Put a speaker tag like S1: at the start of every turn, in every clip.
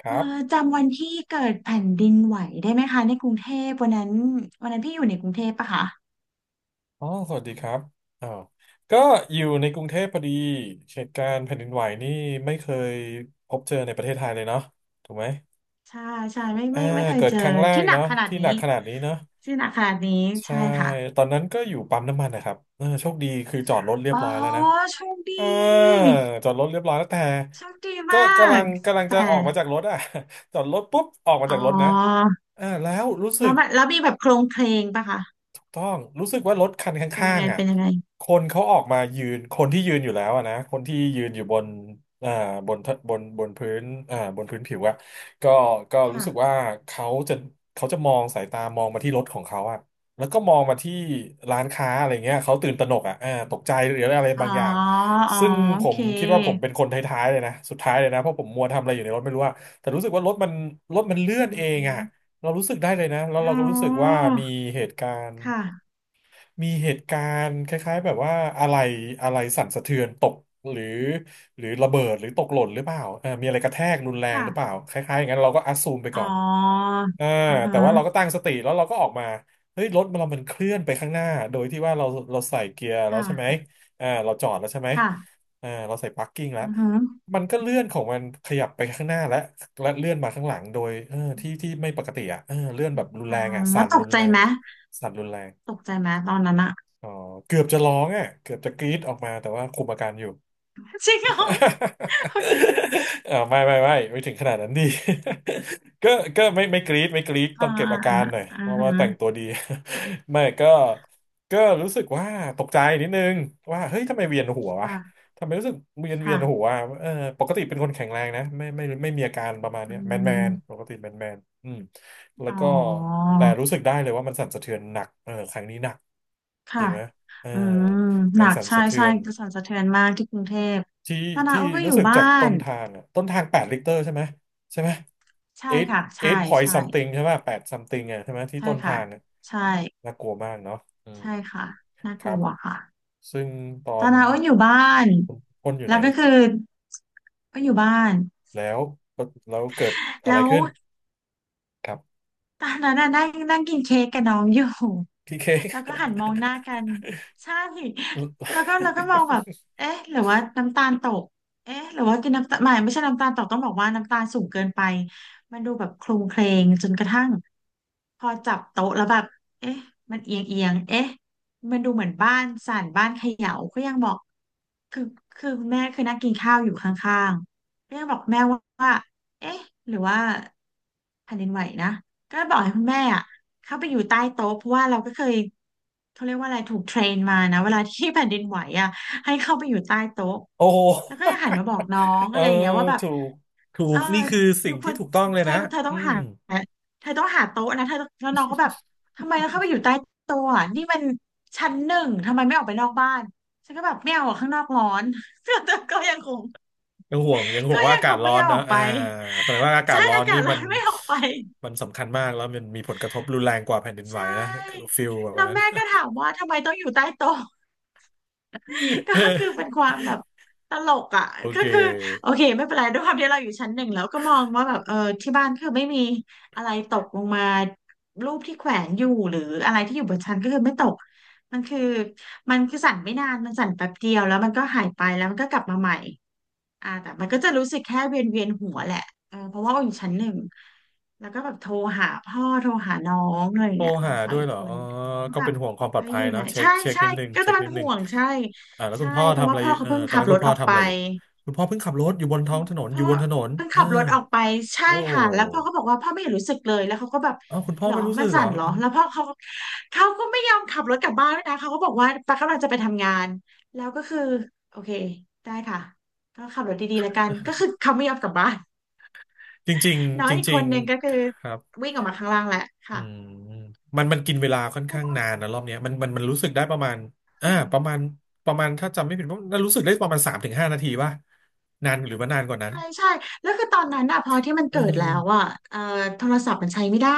S1: ครั
S2: เอ่
S1: บ
S2: อจำวันที่เกิดแผ่นดินไหวได้ไหมคะในกรุงเทพวันนั้นวันนั้นพี่อยู่ในกรุงเทพปะคะ
S1: อ๋อสวัสดีครับอ๋อก็อยู่ในกรุงเทพพอดีเหตุการณ์แผ่นดินไหวนี่ไม่เคยพบเจอในประเทศไทยเลยเนาะถูกไหม
S2: ใช่ใช่ไม่
S1: อ่า
S2: ไม่ไม่เคย
S1: เกิด
S2: เจอ
S1: ครั้งแรก
S2: ที่หนัก
S1: เนาะ
S2: ขนาด
S1: ที่ห
S2: นี้
S1: นักขนาดนี้เนาะ
S2: ที่หนักขนาดนี้
S1: ใช่
S2: ใช่ค่ะ
S1: ตอนนั้นก็อยู่ปั๊มน้ำมันนะครับเออโชคดีคือจอดรถเรีย
S2: อ๋
S1: บ
S2: อ
S1: ร้อยแล้วนะ
S2: โชคดี
S1: เอ่าจอดรถเรียบร้อยแล้วแต่
S2: โชคดี
S1: ก็
S2: มา
S1: กำลั
S2: ก
S1: งกำลังจะ
S2: แต่
S1: ออกมาจากรถอ่ะ จอดรถปุ๊บออกมา
S2: อ๋อ
S1: จากรถนะอ่าแล้วรู้สึ
S2: แล้
S1: ก
S2: วมันแล้วมีแบบโครงเคลงปะคะ
S1: ถูกต้องรู้สึกว่ารถคันข
S2: เป็นยั
S1: ้า
S2: ง
S1: ง
S2: ไง
S1: ๆอ่ะ
S2: เป็นยังไง
S1: คนเขาออกมายืนคนที่ยืนอยู่แล้วอะนะคนที่ยืนอยู่บนอ่าบนบนพื้นอ่าบนพื้นผิวอ่ะก็ก็รู้
S2: ค่ะ
S1: สึกว่าเขาจะเขาจะมองสายตามองมาที่รถของเขาอ่ะแล้วก็มองมาที่ร้านค้าอะไรเงี้ยเขาตื่นตระหนกอ่ะอ่าตกใจหรืออะไร
S2: อ๋อ
S1: บางอย่าง
S2: อ๋อ
S1: ซึ่ง
S2: โอ
S1: ผ
S2: เค
S1: มคิดว่าผมเป็นคนท้ายๆเลยนะสุดท้ายเลยนะเพราะผมมัวทำอะไรอยู่ในรถไม่รู้อะแต่รู้สึกว่ารถมันเลื่อ
S2: อื
S1: นเองอ่ะ
S2: ม
S1: เรารู้สึกได้เลยนะแล้วเรา
S2: อ๋
S1: ก็รู้สึกว่า
S2: อ
S1: มีเหตุการณ์
S2: ค่ะ
S1: มีเหตุการณ์คล้ายๆแบบว่าอะไรอะไรสั่นสะเทือนตกหรือหรือระเบิดหรือตกหล่นหรือเปล่าเออมีอะไรกระแทกรุนแรงหรือเปล่า
S2: ค่ะ
S1: คล้ายๆอย่างนั้นเราก็อัสซูมไป
S2: อ๋
S1: ก่อ
S2: อ
S1: นอ่า
S2: อ่า
S1: แต่
S2: ฮะ
S1: ว่าเราก็ตั้งสติแล้วเราก็ออกมาเฮ้ยรถเรามันเคลื่อนไปข้างหน้าโดยที่ว่าเราใส่เกียร์แล้วใช่ไหม
S2: ค่ะ
S1: อ่าเราจอดแล้วใช่ไหม
S2: ค่ะ
S1: อ่าเราใส่พาร์กิ้งแล้ว
S2: อือหือ
S1: มันก็เลื่อนของมันขยับไปข้างหน้าและเลื่อนมาข้างหลังโดยเออที่ที่ไม่ปกติอ่ะเออเลื่อนแบบรุน
S2: อ่า
S1: แรงอ่ะ
S2: แล้
S1: สั่
S2: ว
S1: น
S2: ต
S1: รุ
S2: ก
S1: น
S2: ใจ
S1: แรง
S2: ไหม
S1: สั่นรุนแรง
S2: ตกใจไหมตอนนั้นอะ
S1: อ๋อเกือบจะร้องอ่ะเกือบจะกรี๊ดออกมาแต่ว่าคุมอาการอยู่
S2: จริงเหรอโอเค
S1: เออไม่ไม่ไม่ไม่ถึงขนาดนั้นดิ ก็ก็ไม่กรี๊ดไม่กรี๊ด
S2: อ่า
S1: ต้องเก็บ
S2: อ่า
S1: อากา
S2: อ่า
S1: รหน่อย
S2: อ่า
S1: เพราะว่าแต่งตั
S2: ฮะ
S1: วดี ไม่ก็รู้สึกว่าตกใจนิดนึงว่าเฮ้ยทำไมเวียนหัววะ
S2: ค่ะ
S1: ทำไมรู้สึกเวียนเวีย
S2: ค่ะ
S1: นหัวอะเออปกติเป็นคนแข็งแรงนะไม่ไม่ไม่มีอาการประมาณ
S2: อื
S1: เนี้ยแมนแมนป
S2: ม
S1: กติแมนแมนอืมแล้ว
S2: อ๋อ
S1: ก็แต่รู้สึกได้เลยว่ามันสั่นสะเทือนหนักเออครั้งนี้หนักจ
S2: ค่ะ
S1: ริงไหมเออ
S2: อืม
S1: แร
S2: หนั
S1: ง
S2: ก
S1: สั่น
S2: ใช่
S1: สะเทื
S2: ใช่
S1: อน
S2: กระแสนสะเทือนมากที่กรุงเทพ
S1: ที่
S2: ตอนนั้น
S1: ที่
S2: โอ้ก็อ
S1: รู้
S2: ยู่
S1: สึก
S2: บ้า
S1: จากต้
S2: น
S1: นทางอะต้นทาง8 ลิตรใช่ไหมใช่ไหม
S2: ใช่
S1: eight
S2: ค่ะใช่
S1: eight point
S2: ใช่
S1: something ใช่ไหม8 something อะใช่ไหมที่
S2: ใช่
S1: ต้นทา
S2: ค่ะ
S1: งอะ
S2: ใช่
S1: น่ากลัวมากเนาะอืม
S2: ใช่ค่ะน่า
S1: ค
S2: ก
S1: รั
S2: ลั
S1: บ
S2: วค่ะ
S1: ซึ่งตอ
S2: ตอน
S1: น
S2: นั้นโอ้อยู่บ้าน
S1: คุณพ่นอยู่
S2: แล้
S1: ไหน
S2: วก็คือก็อยู่บ้าน
S1: แล้วแล้วเกิดอะไร
S2: แล้ว
S1: ขึ้นครับ
S2: ตอนนั้นน่ะนั่งนั่งกินเค้กกับน้องอยู่
S1: พี่เค้
S2: แล้วก็หันมอ
S1: ก
S2: งหน้ากันใช่แล้วก็แล้วก็มองแบบ เอ๊ะหรือว่าน้ำตาลตกเอ๊ะหรือว่ากินน้ำตาลไม่ใช่น้ำตาลตกต้องบอกว่าน้ำตาลสูงเกินไปมันดูแบบโคลุเครงจนกระทั่งพอจับโต๊ะแล้วแบบเอ๊ะมันเอียงเอียงเอ๊ะมันดูเหมือนบ้านสั่นบ้านเขย่าก็ยังบอกคือคือคุณแม่คือนั่งกินข้าวอยู่ข้างๆก็ยังบอกแม่ว่าเอ๊ะหรือว่าแผ่นดินไหวนะ ก็บอกให้คุณแม่อ่ะเข้าไปอยู่ใต้โต๊ะเพราะว่าเราก็เคยเขาเรียกว่าอะไรถูกเทรนมานะเวลาที่แผ่นดินไหวอ่ะให้เข้าไปอยู่ใต้โต๊ะ
S1: โอ้โห
S2: แล้วก็หันมาบอกน้อง
S1: เอ
S2: อะ
S1: อ
S2: ไรอย่างเงี้ยว่าแบบ
S1: ถูกถู
S2: เอ
S1: ก
S2: อ
S1: นี่คือ
S2: อ
S1: สิ่
S2: ยู่
S1: ง
S2: ค
S1: ที่
S2: น
S1: ถูกต้องเลย
S2: เธอ
S1: นะ
S2: เธอต้
S1: อื
S2: อง
S1: ม
S2: หาเธอต้องหาโต๊ะนะเธอต้องแล้วน้องก็แบบทำไมต้องเข้าไปอยู่ใต้โต๊ะอะนี่มันชั้นหนึ่งทำไมไม่ออกไปนอกบ้านฉันก็แบบไม่เอาอะข้างนอกร้อน แต่ก็ยังคง
S1: ยังห่วงยังห่ว
S2: ก็
S1: งว่า
S2: ยัง
S1: อากา
S2: ค
S1: ศ
S2: ง
S1: ร้
S2: ไม่
S1: อ
S2: ย
S1: น
S2: อมอ
S1: นะ
S2: อกไป
S1: อ่าแสดงว่าอา กา
S2: ใช่
S1: ศร้อ
S2: อา
S1: น
S2: กา
S1: นี่
S2: ศร้
S1: มั
S2: อ
S1: น
S2: นไม่ออกไป
S1: มันสำคัญมากแล้วมันมีผลกระทบรุนแรงกว่าแผ่นดิน
S2: ใช
S1: ไหวนะคือ
S2: ่
S1: ฟิลแบบ
S2: แล้ว
S1: นั้น
S2: แม่ก็ถามว่าทำไมต้องอยู่ใต้โต๊ะ ก็คือเป็น ความแบบตลกอ่ะ
S1: โอ
S2: ก็
S1: เค
S2: คือโอเคไม่เป็นไรด้วยความที่เราอยู่ชั้นหนึ่งแล้วก็มองว่าแบบเออที่บ้านคือไม่มีอะไรตกลงมารูปที่แขวนอยู่หรืออะไรที่อยู่บนชั้นก็คือไม่ตกมันคือมันคือสั่นไม่นานมันสั่นแป๊บเดียวแล้วมันก็หายไปแล้วมันก็กลับมาใหม่ อ่าแต่มันก็จะรู้สึกแค่เวียนหัวแหละเออเพราะว่าอยู่ชั้นหนึ่งแล้วก็แบบโทรหาพ่อโทรหาน้องอะไรอย่า
S1: โท
S2: ง
S1: ร
S2: เงี้ยน้อ
S1: หา
S2: งสาว
S1: ด้วย
S2: อีก
S1: เหรอ
S2: ค
S1: อ๋
S2: น
S1: อ
S2: ก็
S1: ก็
S2: แบ
S1: เป็
S2: บ
S1: นห่วงความปล
S2: ไป
S1: อดภั
S2: อ
S1: ย
S2: ยู่ไหน
S1: เนาะเช็ค
S2: ใช่
S1: เช็ค
S2: ใช่
S1: นิดนึง
S2: ก็
S1: เช็
S2: จะ
S1: ค
S2: มั
S1: นิ
S2: น
S1: ดนึ
S2: ห่
S1: ง
S2: วงใช่
S1: อ่าแล้วคุ
S2: ใช่
S1: ณพ่อ
S2: เพราะ
S1: ทำ
S2: ว่า
S1: อะไร
S2: พ่อเขา
S1: เออ
S2: เพิ่ง
S1: ตอน
S2: ขับ
S1: นั้น
S2: ร
S1: คุณ
S2: ถ
S1: พ่
S2: อ
S1: อ
S2: อก
S1: ทำ
S2: ไป
S1: อะไรอยู่คุณพ่อเพิ่งขับรถอยู่บนท้องถนนอ
S2: พ่อ
S1: ยู่บนถนน
S2: เพิ่ง
S1: เออ
S2: ขับรถออกไปใช่
S1: โอ
S2: ค่ะแล้วพ่อ
S1: ้
S2: ก็บอกว่าพ่อไม่เห็นรู้สึกเลยแล้วเขาก็แบบ
S1: อ้าวคุณพ่อ
S2: หรอ
S1: ไม่รู้
S2: มั
S1: สึ
S2: น
S1: กเหร
S2: สั่
S1: อ
S2: นเหรอแล้วพ่อเขาก็ไม่ยอมขับรถกลับบ้านด้วยนะเขาก็บอกว่าปากกำลังจะไปทำงานแล้วก็คือโอเคได้ค่ะก็ขับรถดีๆแล้วกันก็คือเขาไม่ยอมกลับบ้าน
S1: จริง
S2: น้อ
S1: ๆ
S2: ง
S1: จ
S2: อีกค
S1: ริง
S2: นหนึงก็คือ
S1: ๆครับ
S2: วิ่งออกมาข้างล่างแหละ
S1: อื
S2: ค่ะ
S1: มมันกินเวลาค่อนข้างนานนะรอบเนี้ยมันรู้สึกได้ประมาณอ่าประมาณประมาณถ้าจำไม่ผิดว่าน่ารู้สึกได้ประมาณ3-5 นาทีป่ะนานหรือว่านานกว่านั้น
S2: ใช่ใช่แล้วคือตอนนั้นอะพอที่มัน
S1: เออ
S2: เกิดแล้วอะเอ่อโทรศัพท์มันใช้ไม่ได้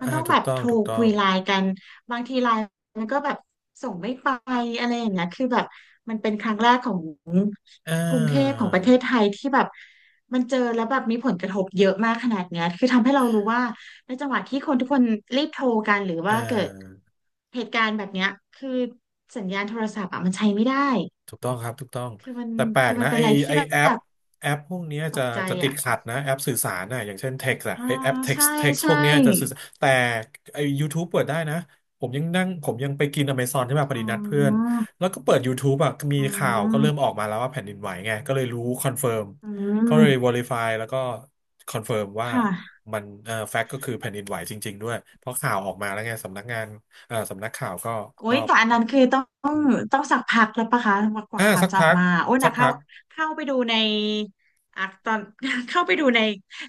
S2: มัน
S1: อ่า
S2: ต้อง
S1: ถู
S2: แบ
S1: ก
S2: บ
S1: ต้อ
S2: โท
S1: ง
S2: ร
S1: ถูกต้อ
S2: คุย
S1: ง
S2: ไลน์กันบางทีไลน์มันก็แบบส่งไม่ไปอะไรอย่างเงี้ยคือแบบมันเป็นครั้งแรกของ
S1: อ่
S2: กรุงเทพข
S1: า
S2: องประเทศไทยที่แบบมันเจอแล้วแบบมีผลกระทบเยอะมากขนาดเนี้ยคือทำให้เรารู้ว่าในจังหวะที่คนทุกคนรีบโทรกันหรือ
S1: อ่
S2: ว่าเกิด
S1: า
S2: เหตุการณ์แบบเนี้ยคือสัญญาณโทรศัพท์อะมันใช้ไม่ได้
S1: ถูกต้องครับถูกต้อง
S2: คือมัน
S1: แต่แปล
S2: คื
S1: ก
S2: อมั
S1: นะ
S2: นเป็น
S1: ไอ
S2: อะไร
S1: ไอ
S2: ที่แบ
S1: แอป
S2: บ
S1: แอปพวกเนี้ย
S2: ต
S1: จะ
S2: กใจ
S1: จะติด
S2: อ่ะ
S1: ขัดนะแอปสื่อสารนะอย่างเช่น text อะ
S2: อ๋อ
S1: ไอแอป
S2: ใช่
S1: text พ
S2: ใช่
S1: วกเนี้ยจะสื่อสารแต่ไอ YouTube เปิดได้นะผมยังนั่งผมยังไปกิน Amazon ที่มาพอ
S2: อ๋
S1: ดีนัดเพื่อน
S2: อ
S1: แล้วก็เปิด YouTube อะมี
S2: อ๋
S1: ข่าวก็เริ่
S2: อ
S1: มออกมาแล้วว่าแผ่นดินไหวไงก็เลยรู้คอนเฟิร์ม
S2: อื
S1: ก็เลย
S2: ม
S1: verify แล้วก็คอนเฟิร์ม
S2: ค
S1: ว่า
S2: ่ะ
S1: มันแฟกต์ก็คือแผ่นดินไหวจริงๆด้วย เพราะข่าวออกมาแล้วไงสำนักข่าวก็
S2: โอ้
S1: ก็
S2: ยแต่อันนั้นคือต้องต้องสักพักแล้วปะคะกว่า
S1: อ่า
S2: ข่าว
S1: สัก
S2: จะอ
S1: พั
S2: อก
S1: ก
S2: มา โอ้ย
S1: สั
S2: นะ
S1: ก
S2: เข้า
S1: พัก
S2: เข้าไปดูในอ่ะตอน เข้าไปดูใน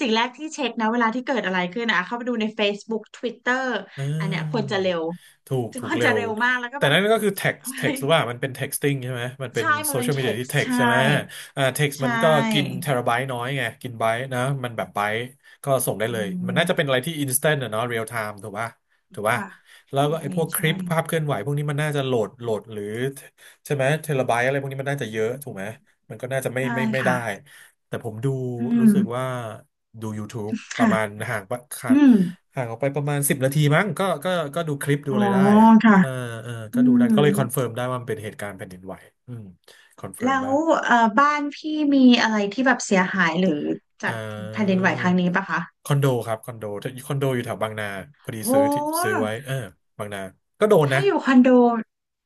S2: สิ่งแรกที่เช็คนะเวลาที่เกิดอะไรขึ้นนะเข้าไปดูใน Facebook Twitter
S1: อ่
S2: อันเนี้ยควร
S1: า
S2: จะเร็ว
S1: ถูกถู
S2: ค
S1: ก
S2: วร
S1: เร็
S2: จะ
S1: ว
S2: เร็วมากแล้วก็
S1: แต่
S2: แบบ
S1: นั่นก็คือ text
S2: เฮ้ย
S1: text หรือว่ามันเป็น texting ใช่ไหมมันเป็น
S2: ใช่มั
S1: โซ
S2: นเป็
S1: เชี
S2: น
S1: ยลมีเดี
S2: เท็
S1: ย
S2: ก
S1: ที่
S2: ซ์
S1: text
S2: ใช่
S1: ใช่ไหมอ่า text
S2: ใช
S1: มันก็กิน
S2: ่
S1: เทราไบต์น้อยไงกินไบต์นะมันแบบไบต์ก็ส่งได้
S2: อื
S1: เลยมันน่าจะเป็นอะ
S2: ม
S1: ไรที่ instant อะเนาะ real time ถูกป่ะ
S2: ค่ะ
S1: แล้วก็
S2: ใช่
S1: ไอ้พวกค
S2: ใช่
S1: ลิปภาพเคลื่อนไหวพวกนี้มันน่าจะโหลดหรือใช่ไหมเทราไบต์อะไรพวกนี้มันน่าจะเยอะถูกไหมมันก็น่าจะไม่
S2: ใช่
S1: ไม่ไม่ได้
S2: ค่ะ
S1: แต่ผมดู
S2: อื
S1: รู้
S2: ม
S1: สึกว่าดู YouTube ประมาณ
S2: ค่ะ
S1: ห่างปะค่ะ
S2: อืม
S1: ห่างออกไปประมาณสิบนาทีมั้งก็ดูคลิปดู
S2: อ๋อ
S1: อะไรได้อะ
S2: ค่ะ
S1: เออเออ
S2: อื
S1: ก็ดูได้
S2: ม
S1: ก็เลยคอนเฟิร์มได้ว่ามันเป็นเหตุการณ์แผ่นดินไหวอืมคอนเฟิร์ม
S2: แล้
S1: ได้
S2: วบ้านพี่มีอะไรที่แบบเสียหายหรือ
S1: เอ
S2: จากแผ่นดิน
S1: อ
S2: ไหวครั้งนี้ปะคะ
S1: คอนโดครับคอนโดคอนโดอยู่แถวบางนาพอดี
S2: โห
S1: ซื้อที่ซื้อไว้เออบางนาก็โดน
S2: ถ้า
S1: นะ
S2: อยู่คอนโด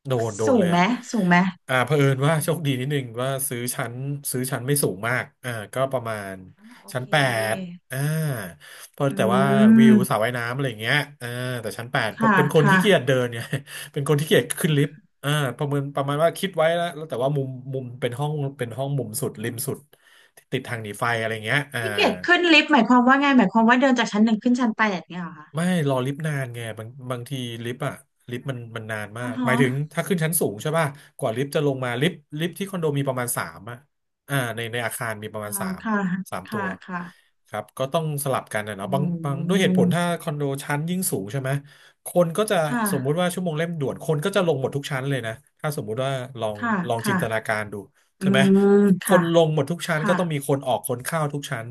S1: โดนโดน
S2: สู
S1: เล
S2: ง
S1: ย
S2: ไหม
S1: อ่ะ
S2: สูงไหม
S1: อ่าเผอิญว่า
S2: อื
S1: โช
S2: ม
S1: คดีนิดนึงว่าซื้อชั้นไม่สูงมากอ่าก็ประมาณ
S2: โอ
S1: ชั้น
S2: เค
S1: แปดอ่าเพราะ
S2: อื
S1: แต่ว่าวิวสระ
S2: ม
S1: ว่ายน้ำอะไรอย่างเงี้ยอ่าแต่ชั้นแปดเพราะ
S2: ค่ะ
S1: เป็นคน
S2: ค่ะ
S1: ขี้เกียจเดินเนี่ย เป็นคนขี้เกียจขึ้นลิฟต์อ่าประเมินประมาณว่าคิดไว้แล้วแล้วแต่ว่ามุมเป็นห้องมุมสุดริมสุดติดทางหนีไฟอะไรเงี้ยอ่า
S2: พี่เกดขึ้นลิฟต์หมายความว่าไงหมายความว่าเดินจากชั้นหนึ่งขึ้นชั้นแปดเนี่ยเหรอคะ
S1: ไม่รอลิฟต์นานไงบางทีลิฟต์อะลิฟต์มันนานมา
S2: อ๋อ
S1: กห
S2: ฮะ
S1: มายถึงถ้าขึ้นชั้นสูงใช่ป่ะกว่าลิฟต์จะลงมาลิฟต์ที่คอนโดมีประมาณสามอะอ่าในอาคารมีประ
S2: อ่า
S1: มาณสาม
S2: ค่ะ
S1: สามตั
S2: ค่ะ
S1: ว
S2: ค่ะ
S1: ครับก็ต้องสลับกันนะ
S2: อื
S1: เนาะบางด้วยเหตุผลถ้า
S2: ม
S1: คอนโดชั้นยิ่งสูงใช่ไหมคนก็จะ
S2: ค่ะ
S1: สมมุติว่าชั่วโมงเร่งด่วนคนก็จะลงหมดทุกชั้นเลยนะถ้าสมมุติว่าลอง
S2: ค่ะ
S1: ลองจิน
S2: ค่ะ
S1: ตนาการดู
S2: อื
S1: ใช่ไหม
S2: ม
S1: คน
S2: ค่ะ
S1: ลงหมดทุกชั้นก็
S2: ค่ะ
S1: ต้องมีคนออกคนเข้าทุกชั้น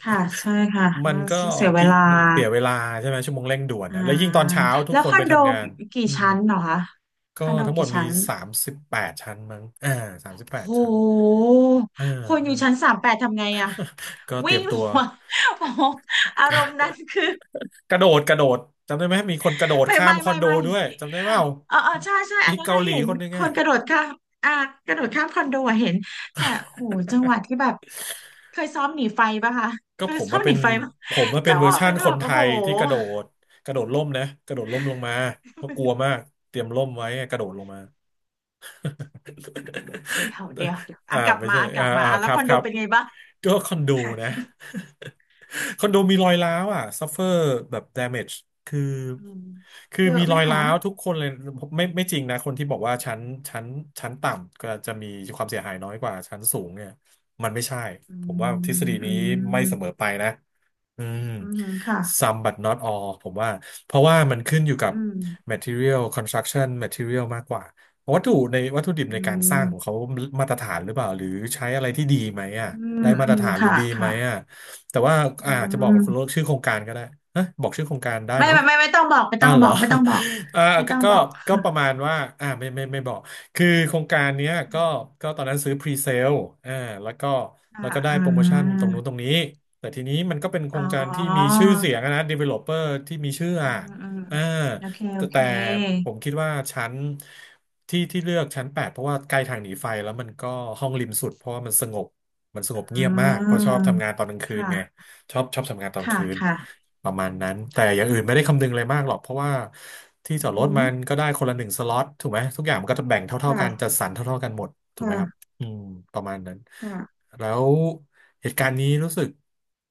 S2: ค่ะใช่ค่ะ
S1: มั
S2: แล้
S1: น
S2: ว
S1: ก็
S2: เสียเว
S1: กิ
S2: ลา
S1: มันเสียเวลาใช่ไหมชั่วโมงเร่งด่วน
S2: อ่า
S1: นะแล้วยิ่งตอนเช้าทุก
S2: แล้ว
S1: ค
S2: ค
S1: น
S2: อ
S1: ไป
S2: นโด
S1: ทำงาน
S2: กี่
S1: อืม
S2: ชั้นเหรอคะค
S1: ก็
S2: อนโด
S1: ทั้งหม
S2: กี่
S1: ดมี
S2: ชั้น
S1: สามสิบแปดชั้นมั้งอ่าสามสิบแป
S2: โ
S1: ดชั้น
S2: ห
S1: อ่า
S2: คนอ
S1: อ่า
S2: ยู่ชั้นสามแปดทำไงอะ
S1: ก็เตรี
S2: วิ่
S1: ย
S2: ง
S1: ม
S2: ล
S1: ตั
S2: ง
S1: ว
S2: มา โอ้โหอารมณ์นั้นคือ
S1: กระโดดกระโดดจำได้ไหมมีคนกระโดด
S2: ไม่
S1: ข้าม
S2: ไม่
S1: คอน
S2: ไม่
S1: โด
S2: ไม่
S1: ด้วยจำได้เปล่า
S2: เออเออใช่ใช่อั
S1: มี
S2: นนั้น
S1: เกา
S2: น่ะ
S1: หลี
S2: เห็น
S1: คนหนึง
S2: ค
S1: อ่ะ
S2: นกระโดดข้ามอ่ากระโดดข้ามคอนโดอะเห็นแต่โหจังหวะที่แบบเคยซ้อมหนีไฟปะคะ
S1: ก็
S2: เค
S1: ผ
S2: ย
S1: ม
S2: ซ้อ
S1: มา
S2: มห
S1: เป็
S2: นี
S1: น
S2: ไฟปะ
S1: ผมมาเป็
S2: จั
S1: น
S2: ง
S1: เวอ
S2: ห
S1: ร์
S2: วะ
S1: ชั่
S2: เป็
S1: น
S2: น
S1: ค
S2: แบ
S1: น
S2: บ
S1: ไท
S2: โอ้โห
S1: ยที่กระโดดกระโดดร่มนะกระโดดร่มลงมาเพราะกลัวมากเตรียมร่มไว้กระโดดลงมา
S2: เดี๋ย วเดี๋ยวเดี๋ยว
S1: อ่า
S2: อ่ะกลับ
S1: ไม่
S2: มา
S1: ใช่
S2: อ่ะกลับมาอ่ะ
S1: ค
S2: แล้ว
S1: รั
S2: ค
S1: บ
S2: อน
S1: ค
S2: โด
S1: รับ
S2: เป็นไงบ้าง
S1: ก็คอนโดนะ คอนโดมีรอยร้าวอ่ะซัฟเฟอร์แบบ damage คือ
S2: อืม
S1: คือ
S2: เยอะ
S1: มี
S2: ไห
S1: ร
S2: ม
S1: อย
S2: คะ
S1: ร้าวทุกคนเลยไม่จริงนะคนที่บอกว่าชั้นชั้นต่ำก็จะมีความเสียหายน้อยกว่าชั้นสูงเนี่ยมันไม่ใช่
S2: อื
S1: ผมว่าทฤษ
S2: ม
S1: ฎี
S2: อื
S1: นี้ไม่เสมอ
S2: ม
S1: ไปนะ อืม
S2: อืมค่ะ
S1: some but not all ผมว่าเพราะว่ามันขึ้นอยู่กับ
S2: อืม
S1: material construction material มากกว่าวัตถุในวัตถุดิบ
S2: อื
S1: ในการสร้างของ
S2: ม
S1: เขามาตรฐานหรือเปล่าหรือใช้อะไรที่ดีไหมอ่ะ
S2: อื
S1: ได้
S2: ม
S1: มาต
S2: อื
S1: ร
S2: ม
S1: ฐานหรือ
S2: ค่ะ
S1: ดีไหม
S2: ค่ะ
S1: อ่ะแต่ว่า
S2: อื
S1: อาจจะบอกคุณโลก
S2: ม
S1: ชื่อโครงการก็ได้ฮะบอกชื่อโครงการได้
S2: ไม่
S1: เนาะ
S2: ไม่ไม่ไม่ต้องบอกไม่ต้
S1: อ่า
S2: อ
S1: ว
S2: ง
S1: เห
S2: บ
S1: ร
S2: อ
S1: อ
S2: กไม่ต้องบอก
S1: อ่า
S2: ไม่
S1: ก็
S2: ต้อง
S1: ก็
S2: บอก
S1: ก็ประมาณว่าอ่าไม่บอกคือโครงการเนี้ยก็ก็ตอนนั้นซื้อพรีเซลอ่าแล้วก็แล้ว
S2: ค่ะ
S1: ก็ได้โปรโมชั่นตรงนู้นตรงนี้แต่ทีนี้มันก็เป็นโคร
S2: อ๋อ
S1: งการที่มีชื่อเสียงอะนะ developer ที่มีชื่อ
S2: อื
S1: อ่ะ
S2: มอืม
S1: อ่า
S2: โอเคโอ
S1: แต่
S2: เค
S1: แต่ผมคิดว่าชั้นที่ที่เลือกชั้น8เพราะว่าใกล้ทางหนีไฟแล้วมันก็ห้องริมสุดเพราะว่ามันสงบมันสงบ
S2: อื
S1: เงียบมากเพราะชอบทำงานต
S2: ม
S1: อนกลางคื
S2: ค
S1: นไง
S2: ่ะ
S1: ชอบทำงานตอน
S2: ค่ะ
S1: คืน
S2: ค่ะ
S1: ประมาณนั้นแต่อย่างอื่นไม่ได้คำนึงเลยมากหรอกเพราะว่าที่
S2: อื
S1: จอดรถ
S2: ม
S1: มันก็ได้คนละหนึ่งสล็อตถูกไหมทุกอย่างมันก็จะแบ่งเท่าๆกันจัด
S2: ค่ะ
S1: สรรเท่าๆกันหมดถูกไหมครับ
S2: ค่ะ
S1: อืมประมาณนั้น
S2: ค่ะ
S1: แล้วเหตุการณ์นี้รู้สึก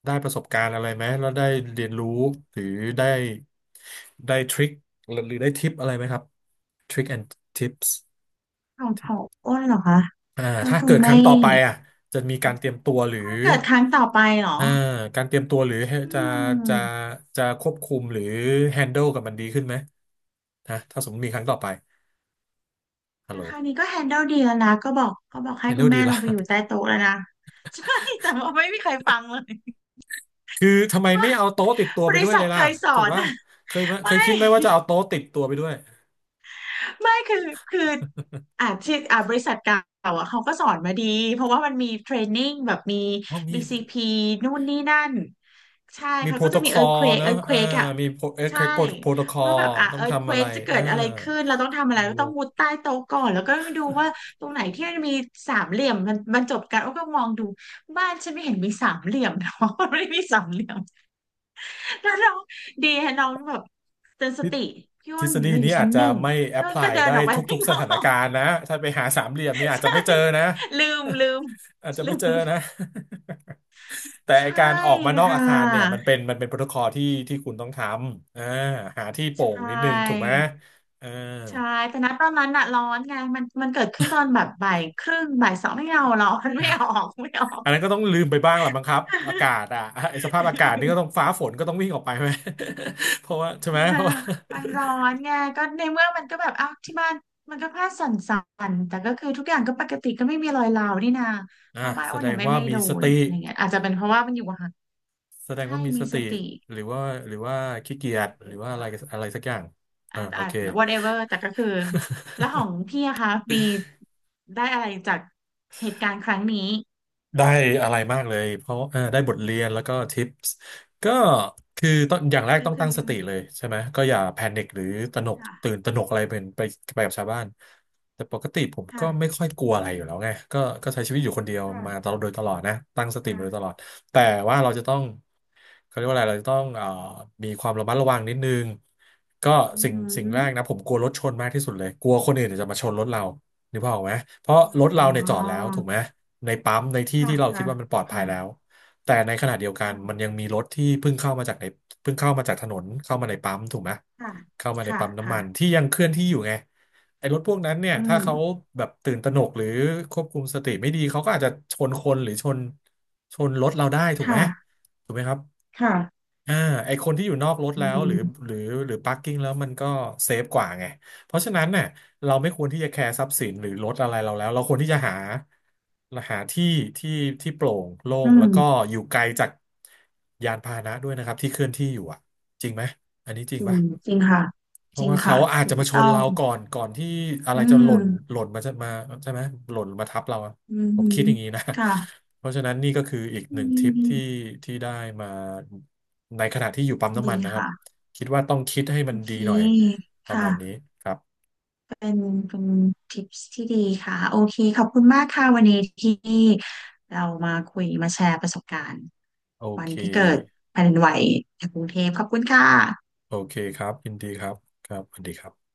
S1: ได้ประสบการณ์อะไรไหมแล้วได้เรียนรู้หรือได้ได้ทริคหรือได้ทิปอะไรไหมครับทริค and tips
S2: ของขออ้นเหรอคะ
S1: อ่า
S2: ก็
S1: ถ้า
S2: ค
S1: เกิ
S2: ง
S1: ดค
S2: ไม่
S1: รั้งต่อไปอ่ะจะมีการเตรียมตัวหรือ
S2: ถ้าเกิดครั้งต่อไปเหรอ
S1: อ่าการเตรียมตัวหรือ
S2: อื
S1: จะจะ
S2: ม
S1: จะควบคุมหรือ handle กับมันดีขึ้นไหมนะถ้าสมมติมีครั้งต่อไปฮัล
S2: แต่
S1: โหล
S2: คราวนี้ก็แฮนเดิลดีแล้วนะก็บอกก็บอกให้คุณ
S1: handle ดี
S2: แม่ล
S1: ละ
S2: งไปอยู่ใต้โต๊ะแล้วนะ ใช่แต่ว่าไม่มีใครฟังเลย
S1: คือทำไม ไม่
S2: ว่า
S1: เอาโต๊ะติดตัว
S2: บ
S1: ไป
S2: ริ
S1: ด้วย
S2: ษั
S1: เล
S2: ท
S1: ย
S2: เค
S1: ล่ะ
S2: ยส
S1: ถู
S2: อ
S1: ก
S2: น
S1: ป่ะ
S2: อะ
S1: เคยไหมเค
S2: ไม่
S1: ยคิดไหมว่าจะเอาโต๊ะติดตัวไปด้วย
S2: ไม่คือคือที่บริษัทเก่าอ่ะเขาก็สอนมาดีเพราะว่ามันมีเทรนนิ่งแบบมี
S1: อ๋อมี
S2: BCP นู่นนี่นั่นใช่
S1: มี
S2: เขา
S1: โปร
S2: ก็
S1: โต
S2: จะ
S1: ค
S2: มี
S1: อ
S2: เอิร์ q
S1: ล
S2: เควก
S1: เนอะ
S2: เอิร์ q เคว
S1: อ่า
S2: กอ่ะ
S1: มีโปรเอ็ก
S2: ใช่
S1: โปรโปรโตคอ
S2: ว่า
S1: ล
S2: แบบอ่ะ
S1: ต้อง
S2: เอิร์ q เค
S1: ทำ
S2: ว
S1: อะไร
S2: กจะเกิ
S1: อ่า
S2: ดอะไรขึ้นเราต้องทำอะไรก็
S1: โอ้
S2: ต้องมุดใต้โต๊ะก่อนแล้วก็ดูว่าตรงไหนที่มันมีสามเหลี่ยมมันบรรจบกันอ้วก็มองดูบ้านฉันไม่เห็นมีสามเหลี่ยมเนาะ ไม่ได้มีสามเหลี่ยมแล้วน้องดีฮะน้องแบบเตือนส
S1: ทฤ
S2: ติพี่
S1: ท
S2: อ้
S1: ฤ
S2: น
S1: ษฎี
S2: เราอ
S1: นี้
S2: ยู่
S1: อา
S2: ชั้น
S1: จจะ
S2: หนึ่ง
S1: ไม่แอ
S2: พี่
S1: พพ
S2: อ้น
S1: ลา
S2: ก็
S1: ย
S2: เดิน
S1: ได้
S2: ออกไป
S1: ทุ
S2: ข้า
S1: ก
S2: ง
S1: ๆส
S2: นอ
S1: ถาน
S2: ก
S1: การณ์นะถ้าไปหาสามเหลี่ยมนี่ อาจจะ
S2: ใช่
S1: ไม่เจอนะ
S2: ลืมลืม
S1: อาจจะ
S2: ลื
S1: ไม่เจอนะ
S2: ม
S1: แต่ไอ้
S2: ใช่
S1: การออกมานอก
S2: ค่
S1: อาคารเนี่ยมัน
S2: ะ
S1: เป็นมันเป็นโปรโตคอลที่ที่คุณต้องทำหาที่โป
S2: ใช
S1: ร่งนิดนึงถูกไหม
S2: ่
S1: เออ
S2: ใช่แต่ณตอนนั้นอะร้อนไงมันมันเกิดขึ้นตอนแบบบ่ายครึ่งบ่ายสองไม่เอาหรอก มันไม่ออกไม่ออก
S1: อันนั้นก็ต้องลืมไปบ้างแหละมั้งครับอากาศ อ่ะไอ้สภาพอากาศนี่ก็ต้องฟ้าฝนก็ต้องวิ่งออกไปไหม เพราะว่าใช่
S2: เอ
S1: ไหม
S2: อ
S1: เพราะว่า
S2: มันร้อนไงก็ในเมื่อมันก็แบบอ้าวที่บ้านมันก็ผ้าสั่นๆแต่ก็คือทุกอย่างก็ปกติก็ไม่มีรอยร้าวนี่นา
S1: อ่า
S2: เพราะบ้าน
S1: แส
S2: อ้วน
S1: ด
S2: น่ะ
S1: ง
S2: ไม่
S1: ว่า
S2: ไม่
S1: มี
S2: โด
S1: ส
S2: น
S1: ติ
S2: อะไรเงี้ยอาจจะเป็นเพราะว่ามันอยู่ห่าง
S1: แสดง
S2: ใช่
S1: ว่ามี
S2: มี
S1: ส
S2: ส
S1: ติ
S2: ติ
S1: หรือว่าหรือว่าขี้เกีย
S2: ถ
S1: จหรื
S2: ู
S1: อ
S2: ก
S1: ว่าอะไร
S2: ค่ะ
S1: อะไรสักอย่างอ่า
S2: อาจ
S1: โอ
S2: อาจ
S1: เค
S2: whatever แต่ก็คือแล้วของพี่อะคะมีได้อะไรจากเหตุการณ์ครั้งนี้
S1: ได้อะไรมากเลยเพราะได้บทเรียนแล้วก็ทิปส์ก็คือต้องอย่างแรก
S2: ก็
S1: ต้อง
S2: คื
S1: ตั้ง
S2: อ
S1: สติเลยใช่ไหมก็อย่าแพนิคหรือตระหนกตื่น
S2: ค่ะ
S1: ตระหนกอะไรเป็นไปไปกับชาวบ้านแต่ปกติผม
S2: ค่ะ
S1: ก็ไม่ค่อยกลัวอะไรอยู่แล้วไงก็ใช้ชีวิตอยู่คนเดียวมาต
S2: ค่ะ
S1: ลอดโดยตลอดนะตั้งสติมาโดยตล
S2: ค่ะ
S1: อดแต่ว่าเราจะต้องเขาเรียกว่าอะไรเราจะต้องมีความระมัดระวังนิดนึงก็
S2: อือ
S1: สิ่ง
S2: หื
S1: สิ่งแร
S2: อ
S1: กนะผมกลัวรถชนมากที่สุดเลยกลัวคนอื่นเนยจะมาชนรถเรา นึกภาพออกไหมเพราะ
S2: อ
S1: รถเราเนี่ยจอ
S2: ๋อ
S1: ดแล้วถูกไหมในปั๊มในที่
S2: ค่ะ
S1: ที่เราคิ
S2: ค่ะ
S1: ดว่ามันปลอดภัยแล้ว
S2: ค่ะ
S1: แต่ในขณะเดียวกันมันยังมีรถที่เพิ่งเข้ามาจากในเพิ่งเข้ามาจากถนนเข้ามาในปั๊มถูกไหม
S2: ค่ะ
S1: เข้ามาใน
S2: ค่ะ
S1: ปั๊มน้ำ
S2: ค่ะค่ะ
S1: มันที่ยังเคลื่อนที่อยู่ไงไอ้รถพวกนั้นเนี่ย
S2: อื
S1: ถ้า
S2: ม
S1: เขาแบบตื่นตระหนกหรือควบคุมสติไม่ดีเขาก็อาจจะชนคนหรือชนรถเราได้ถูกไหม
S2: ค่ะ
S1: ถูกไหมครับ
S2: ค่ะ
S1: อ่าไอคนที่อยู่นอกรถ
S2: อื
S1: แล้วหรือห
S2: ม
S1: รือหรือ p าร์กิ้งแล้วมันก็เซฟกว่าไง เพราะฉะนั้นเนี่ยเราไม่ควรที่จะแคร์ทรัพย์สินหรือรถอะไรเราแล้วเราควรที่จะหาหาที่ที่ที่โปร่งโล่
S2: อื
S1: งแล้
S2: ม
S1: วก็อยู่ไกลจากยานพาหนะด้วยนะครับที่เคลื่อนที่อยู่อ่ะจริงไหมอันนี้จริ
S2: จ
S1: ง
S2: ริง
S1: ปะ
S2: จริงค่ะ
S1: เพ
S2: จ
S1: ราะ
S2: ริง
S1: ว่าเขา
S2: ค่ะ
S1: อาจ
S2: ถู
S1: จะ
S2: ก
S1: มาช
S2: ต้
S1: น
S2: อ
S1: เรา
S2: ง
S1: ก่อนก่อนที่อะไร
S2: อื
S1: จะห
S2: ม
S1: ล่นหล่นมาจะมาใช่ไหมหล่นมาทับเราอะ
S2: อื
S1: ผม
S2: อื
S1: คิ
S2: อ
S1: ดอย่างนี้นะ
S2: ค่ะ
S1: เพราะฉะนั้นนี่ก็คืออีก
S2: อื
S1: หนึ่งทิปที่
S2: ม
S1: ที่ได้มาในขณะที่อยู่ปั๊มน้ำ
S2: ดี
S1: มันนะครับ
S2: ค่ะ
S1: คิดว่าต้องคิดให้มั
S2: โอ
S1: น
S2: เค
S1: ดีหน่อยประ
S2: ค่ะ
S1: มาณนี้ครับ
S2: เป็นเป็นทิปที่ดีค่ะโอเคขอบคุณมากค่ะวันนี้ที่เรามาคุยมาแชร์ประสบการณ์
S1: โอ
S2: วั
S1: เค
S2: นที่เกิดแผ่นดินไหวในกรุงเทพขอบคุณค่ะ
S1: โอเคครับยินดีครับครับสวัสดีครับ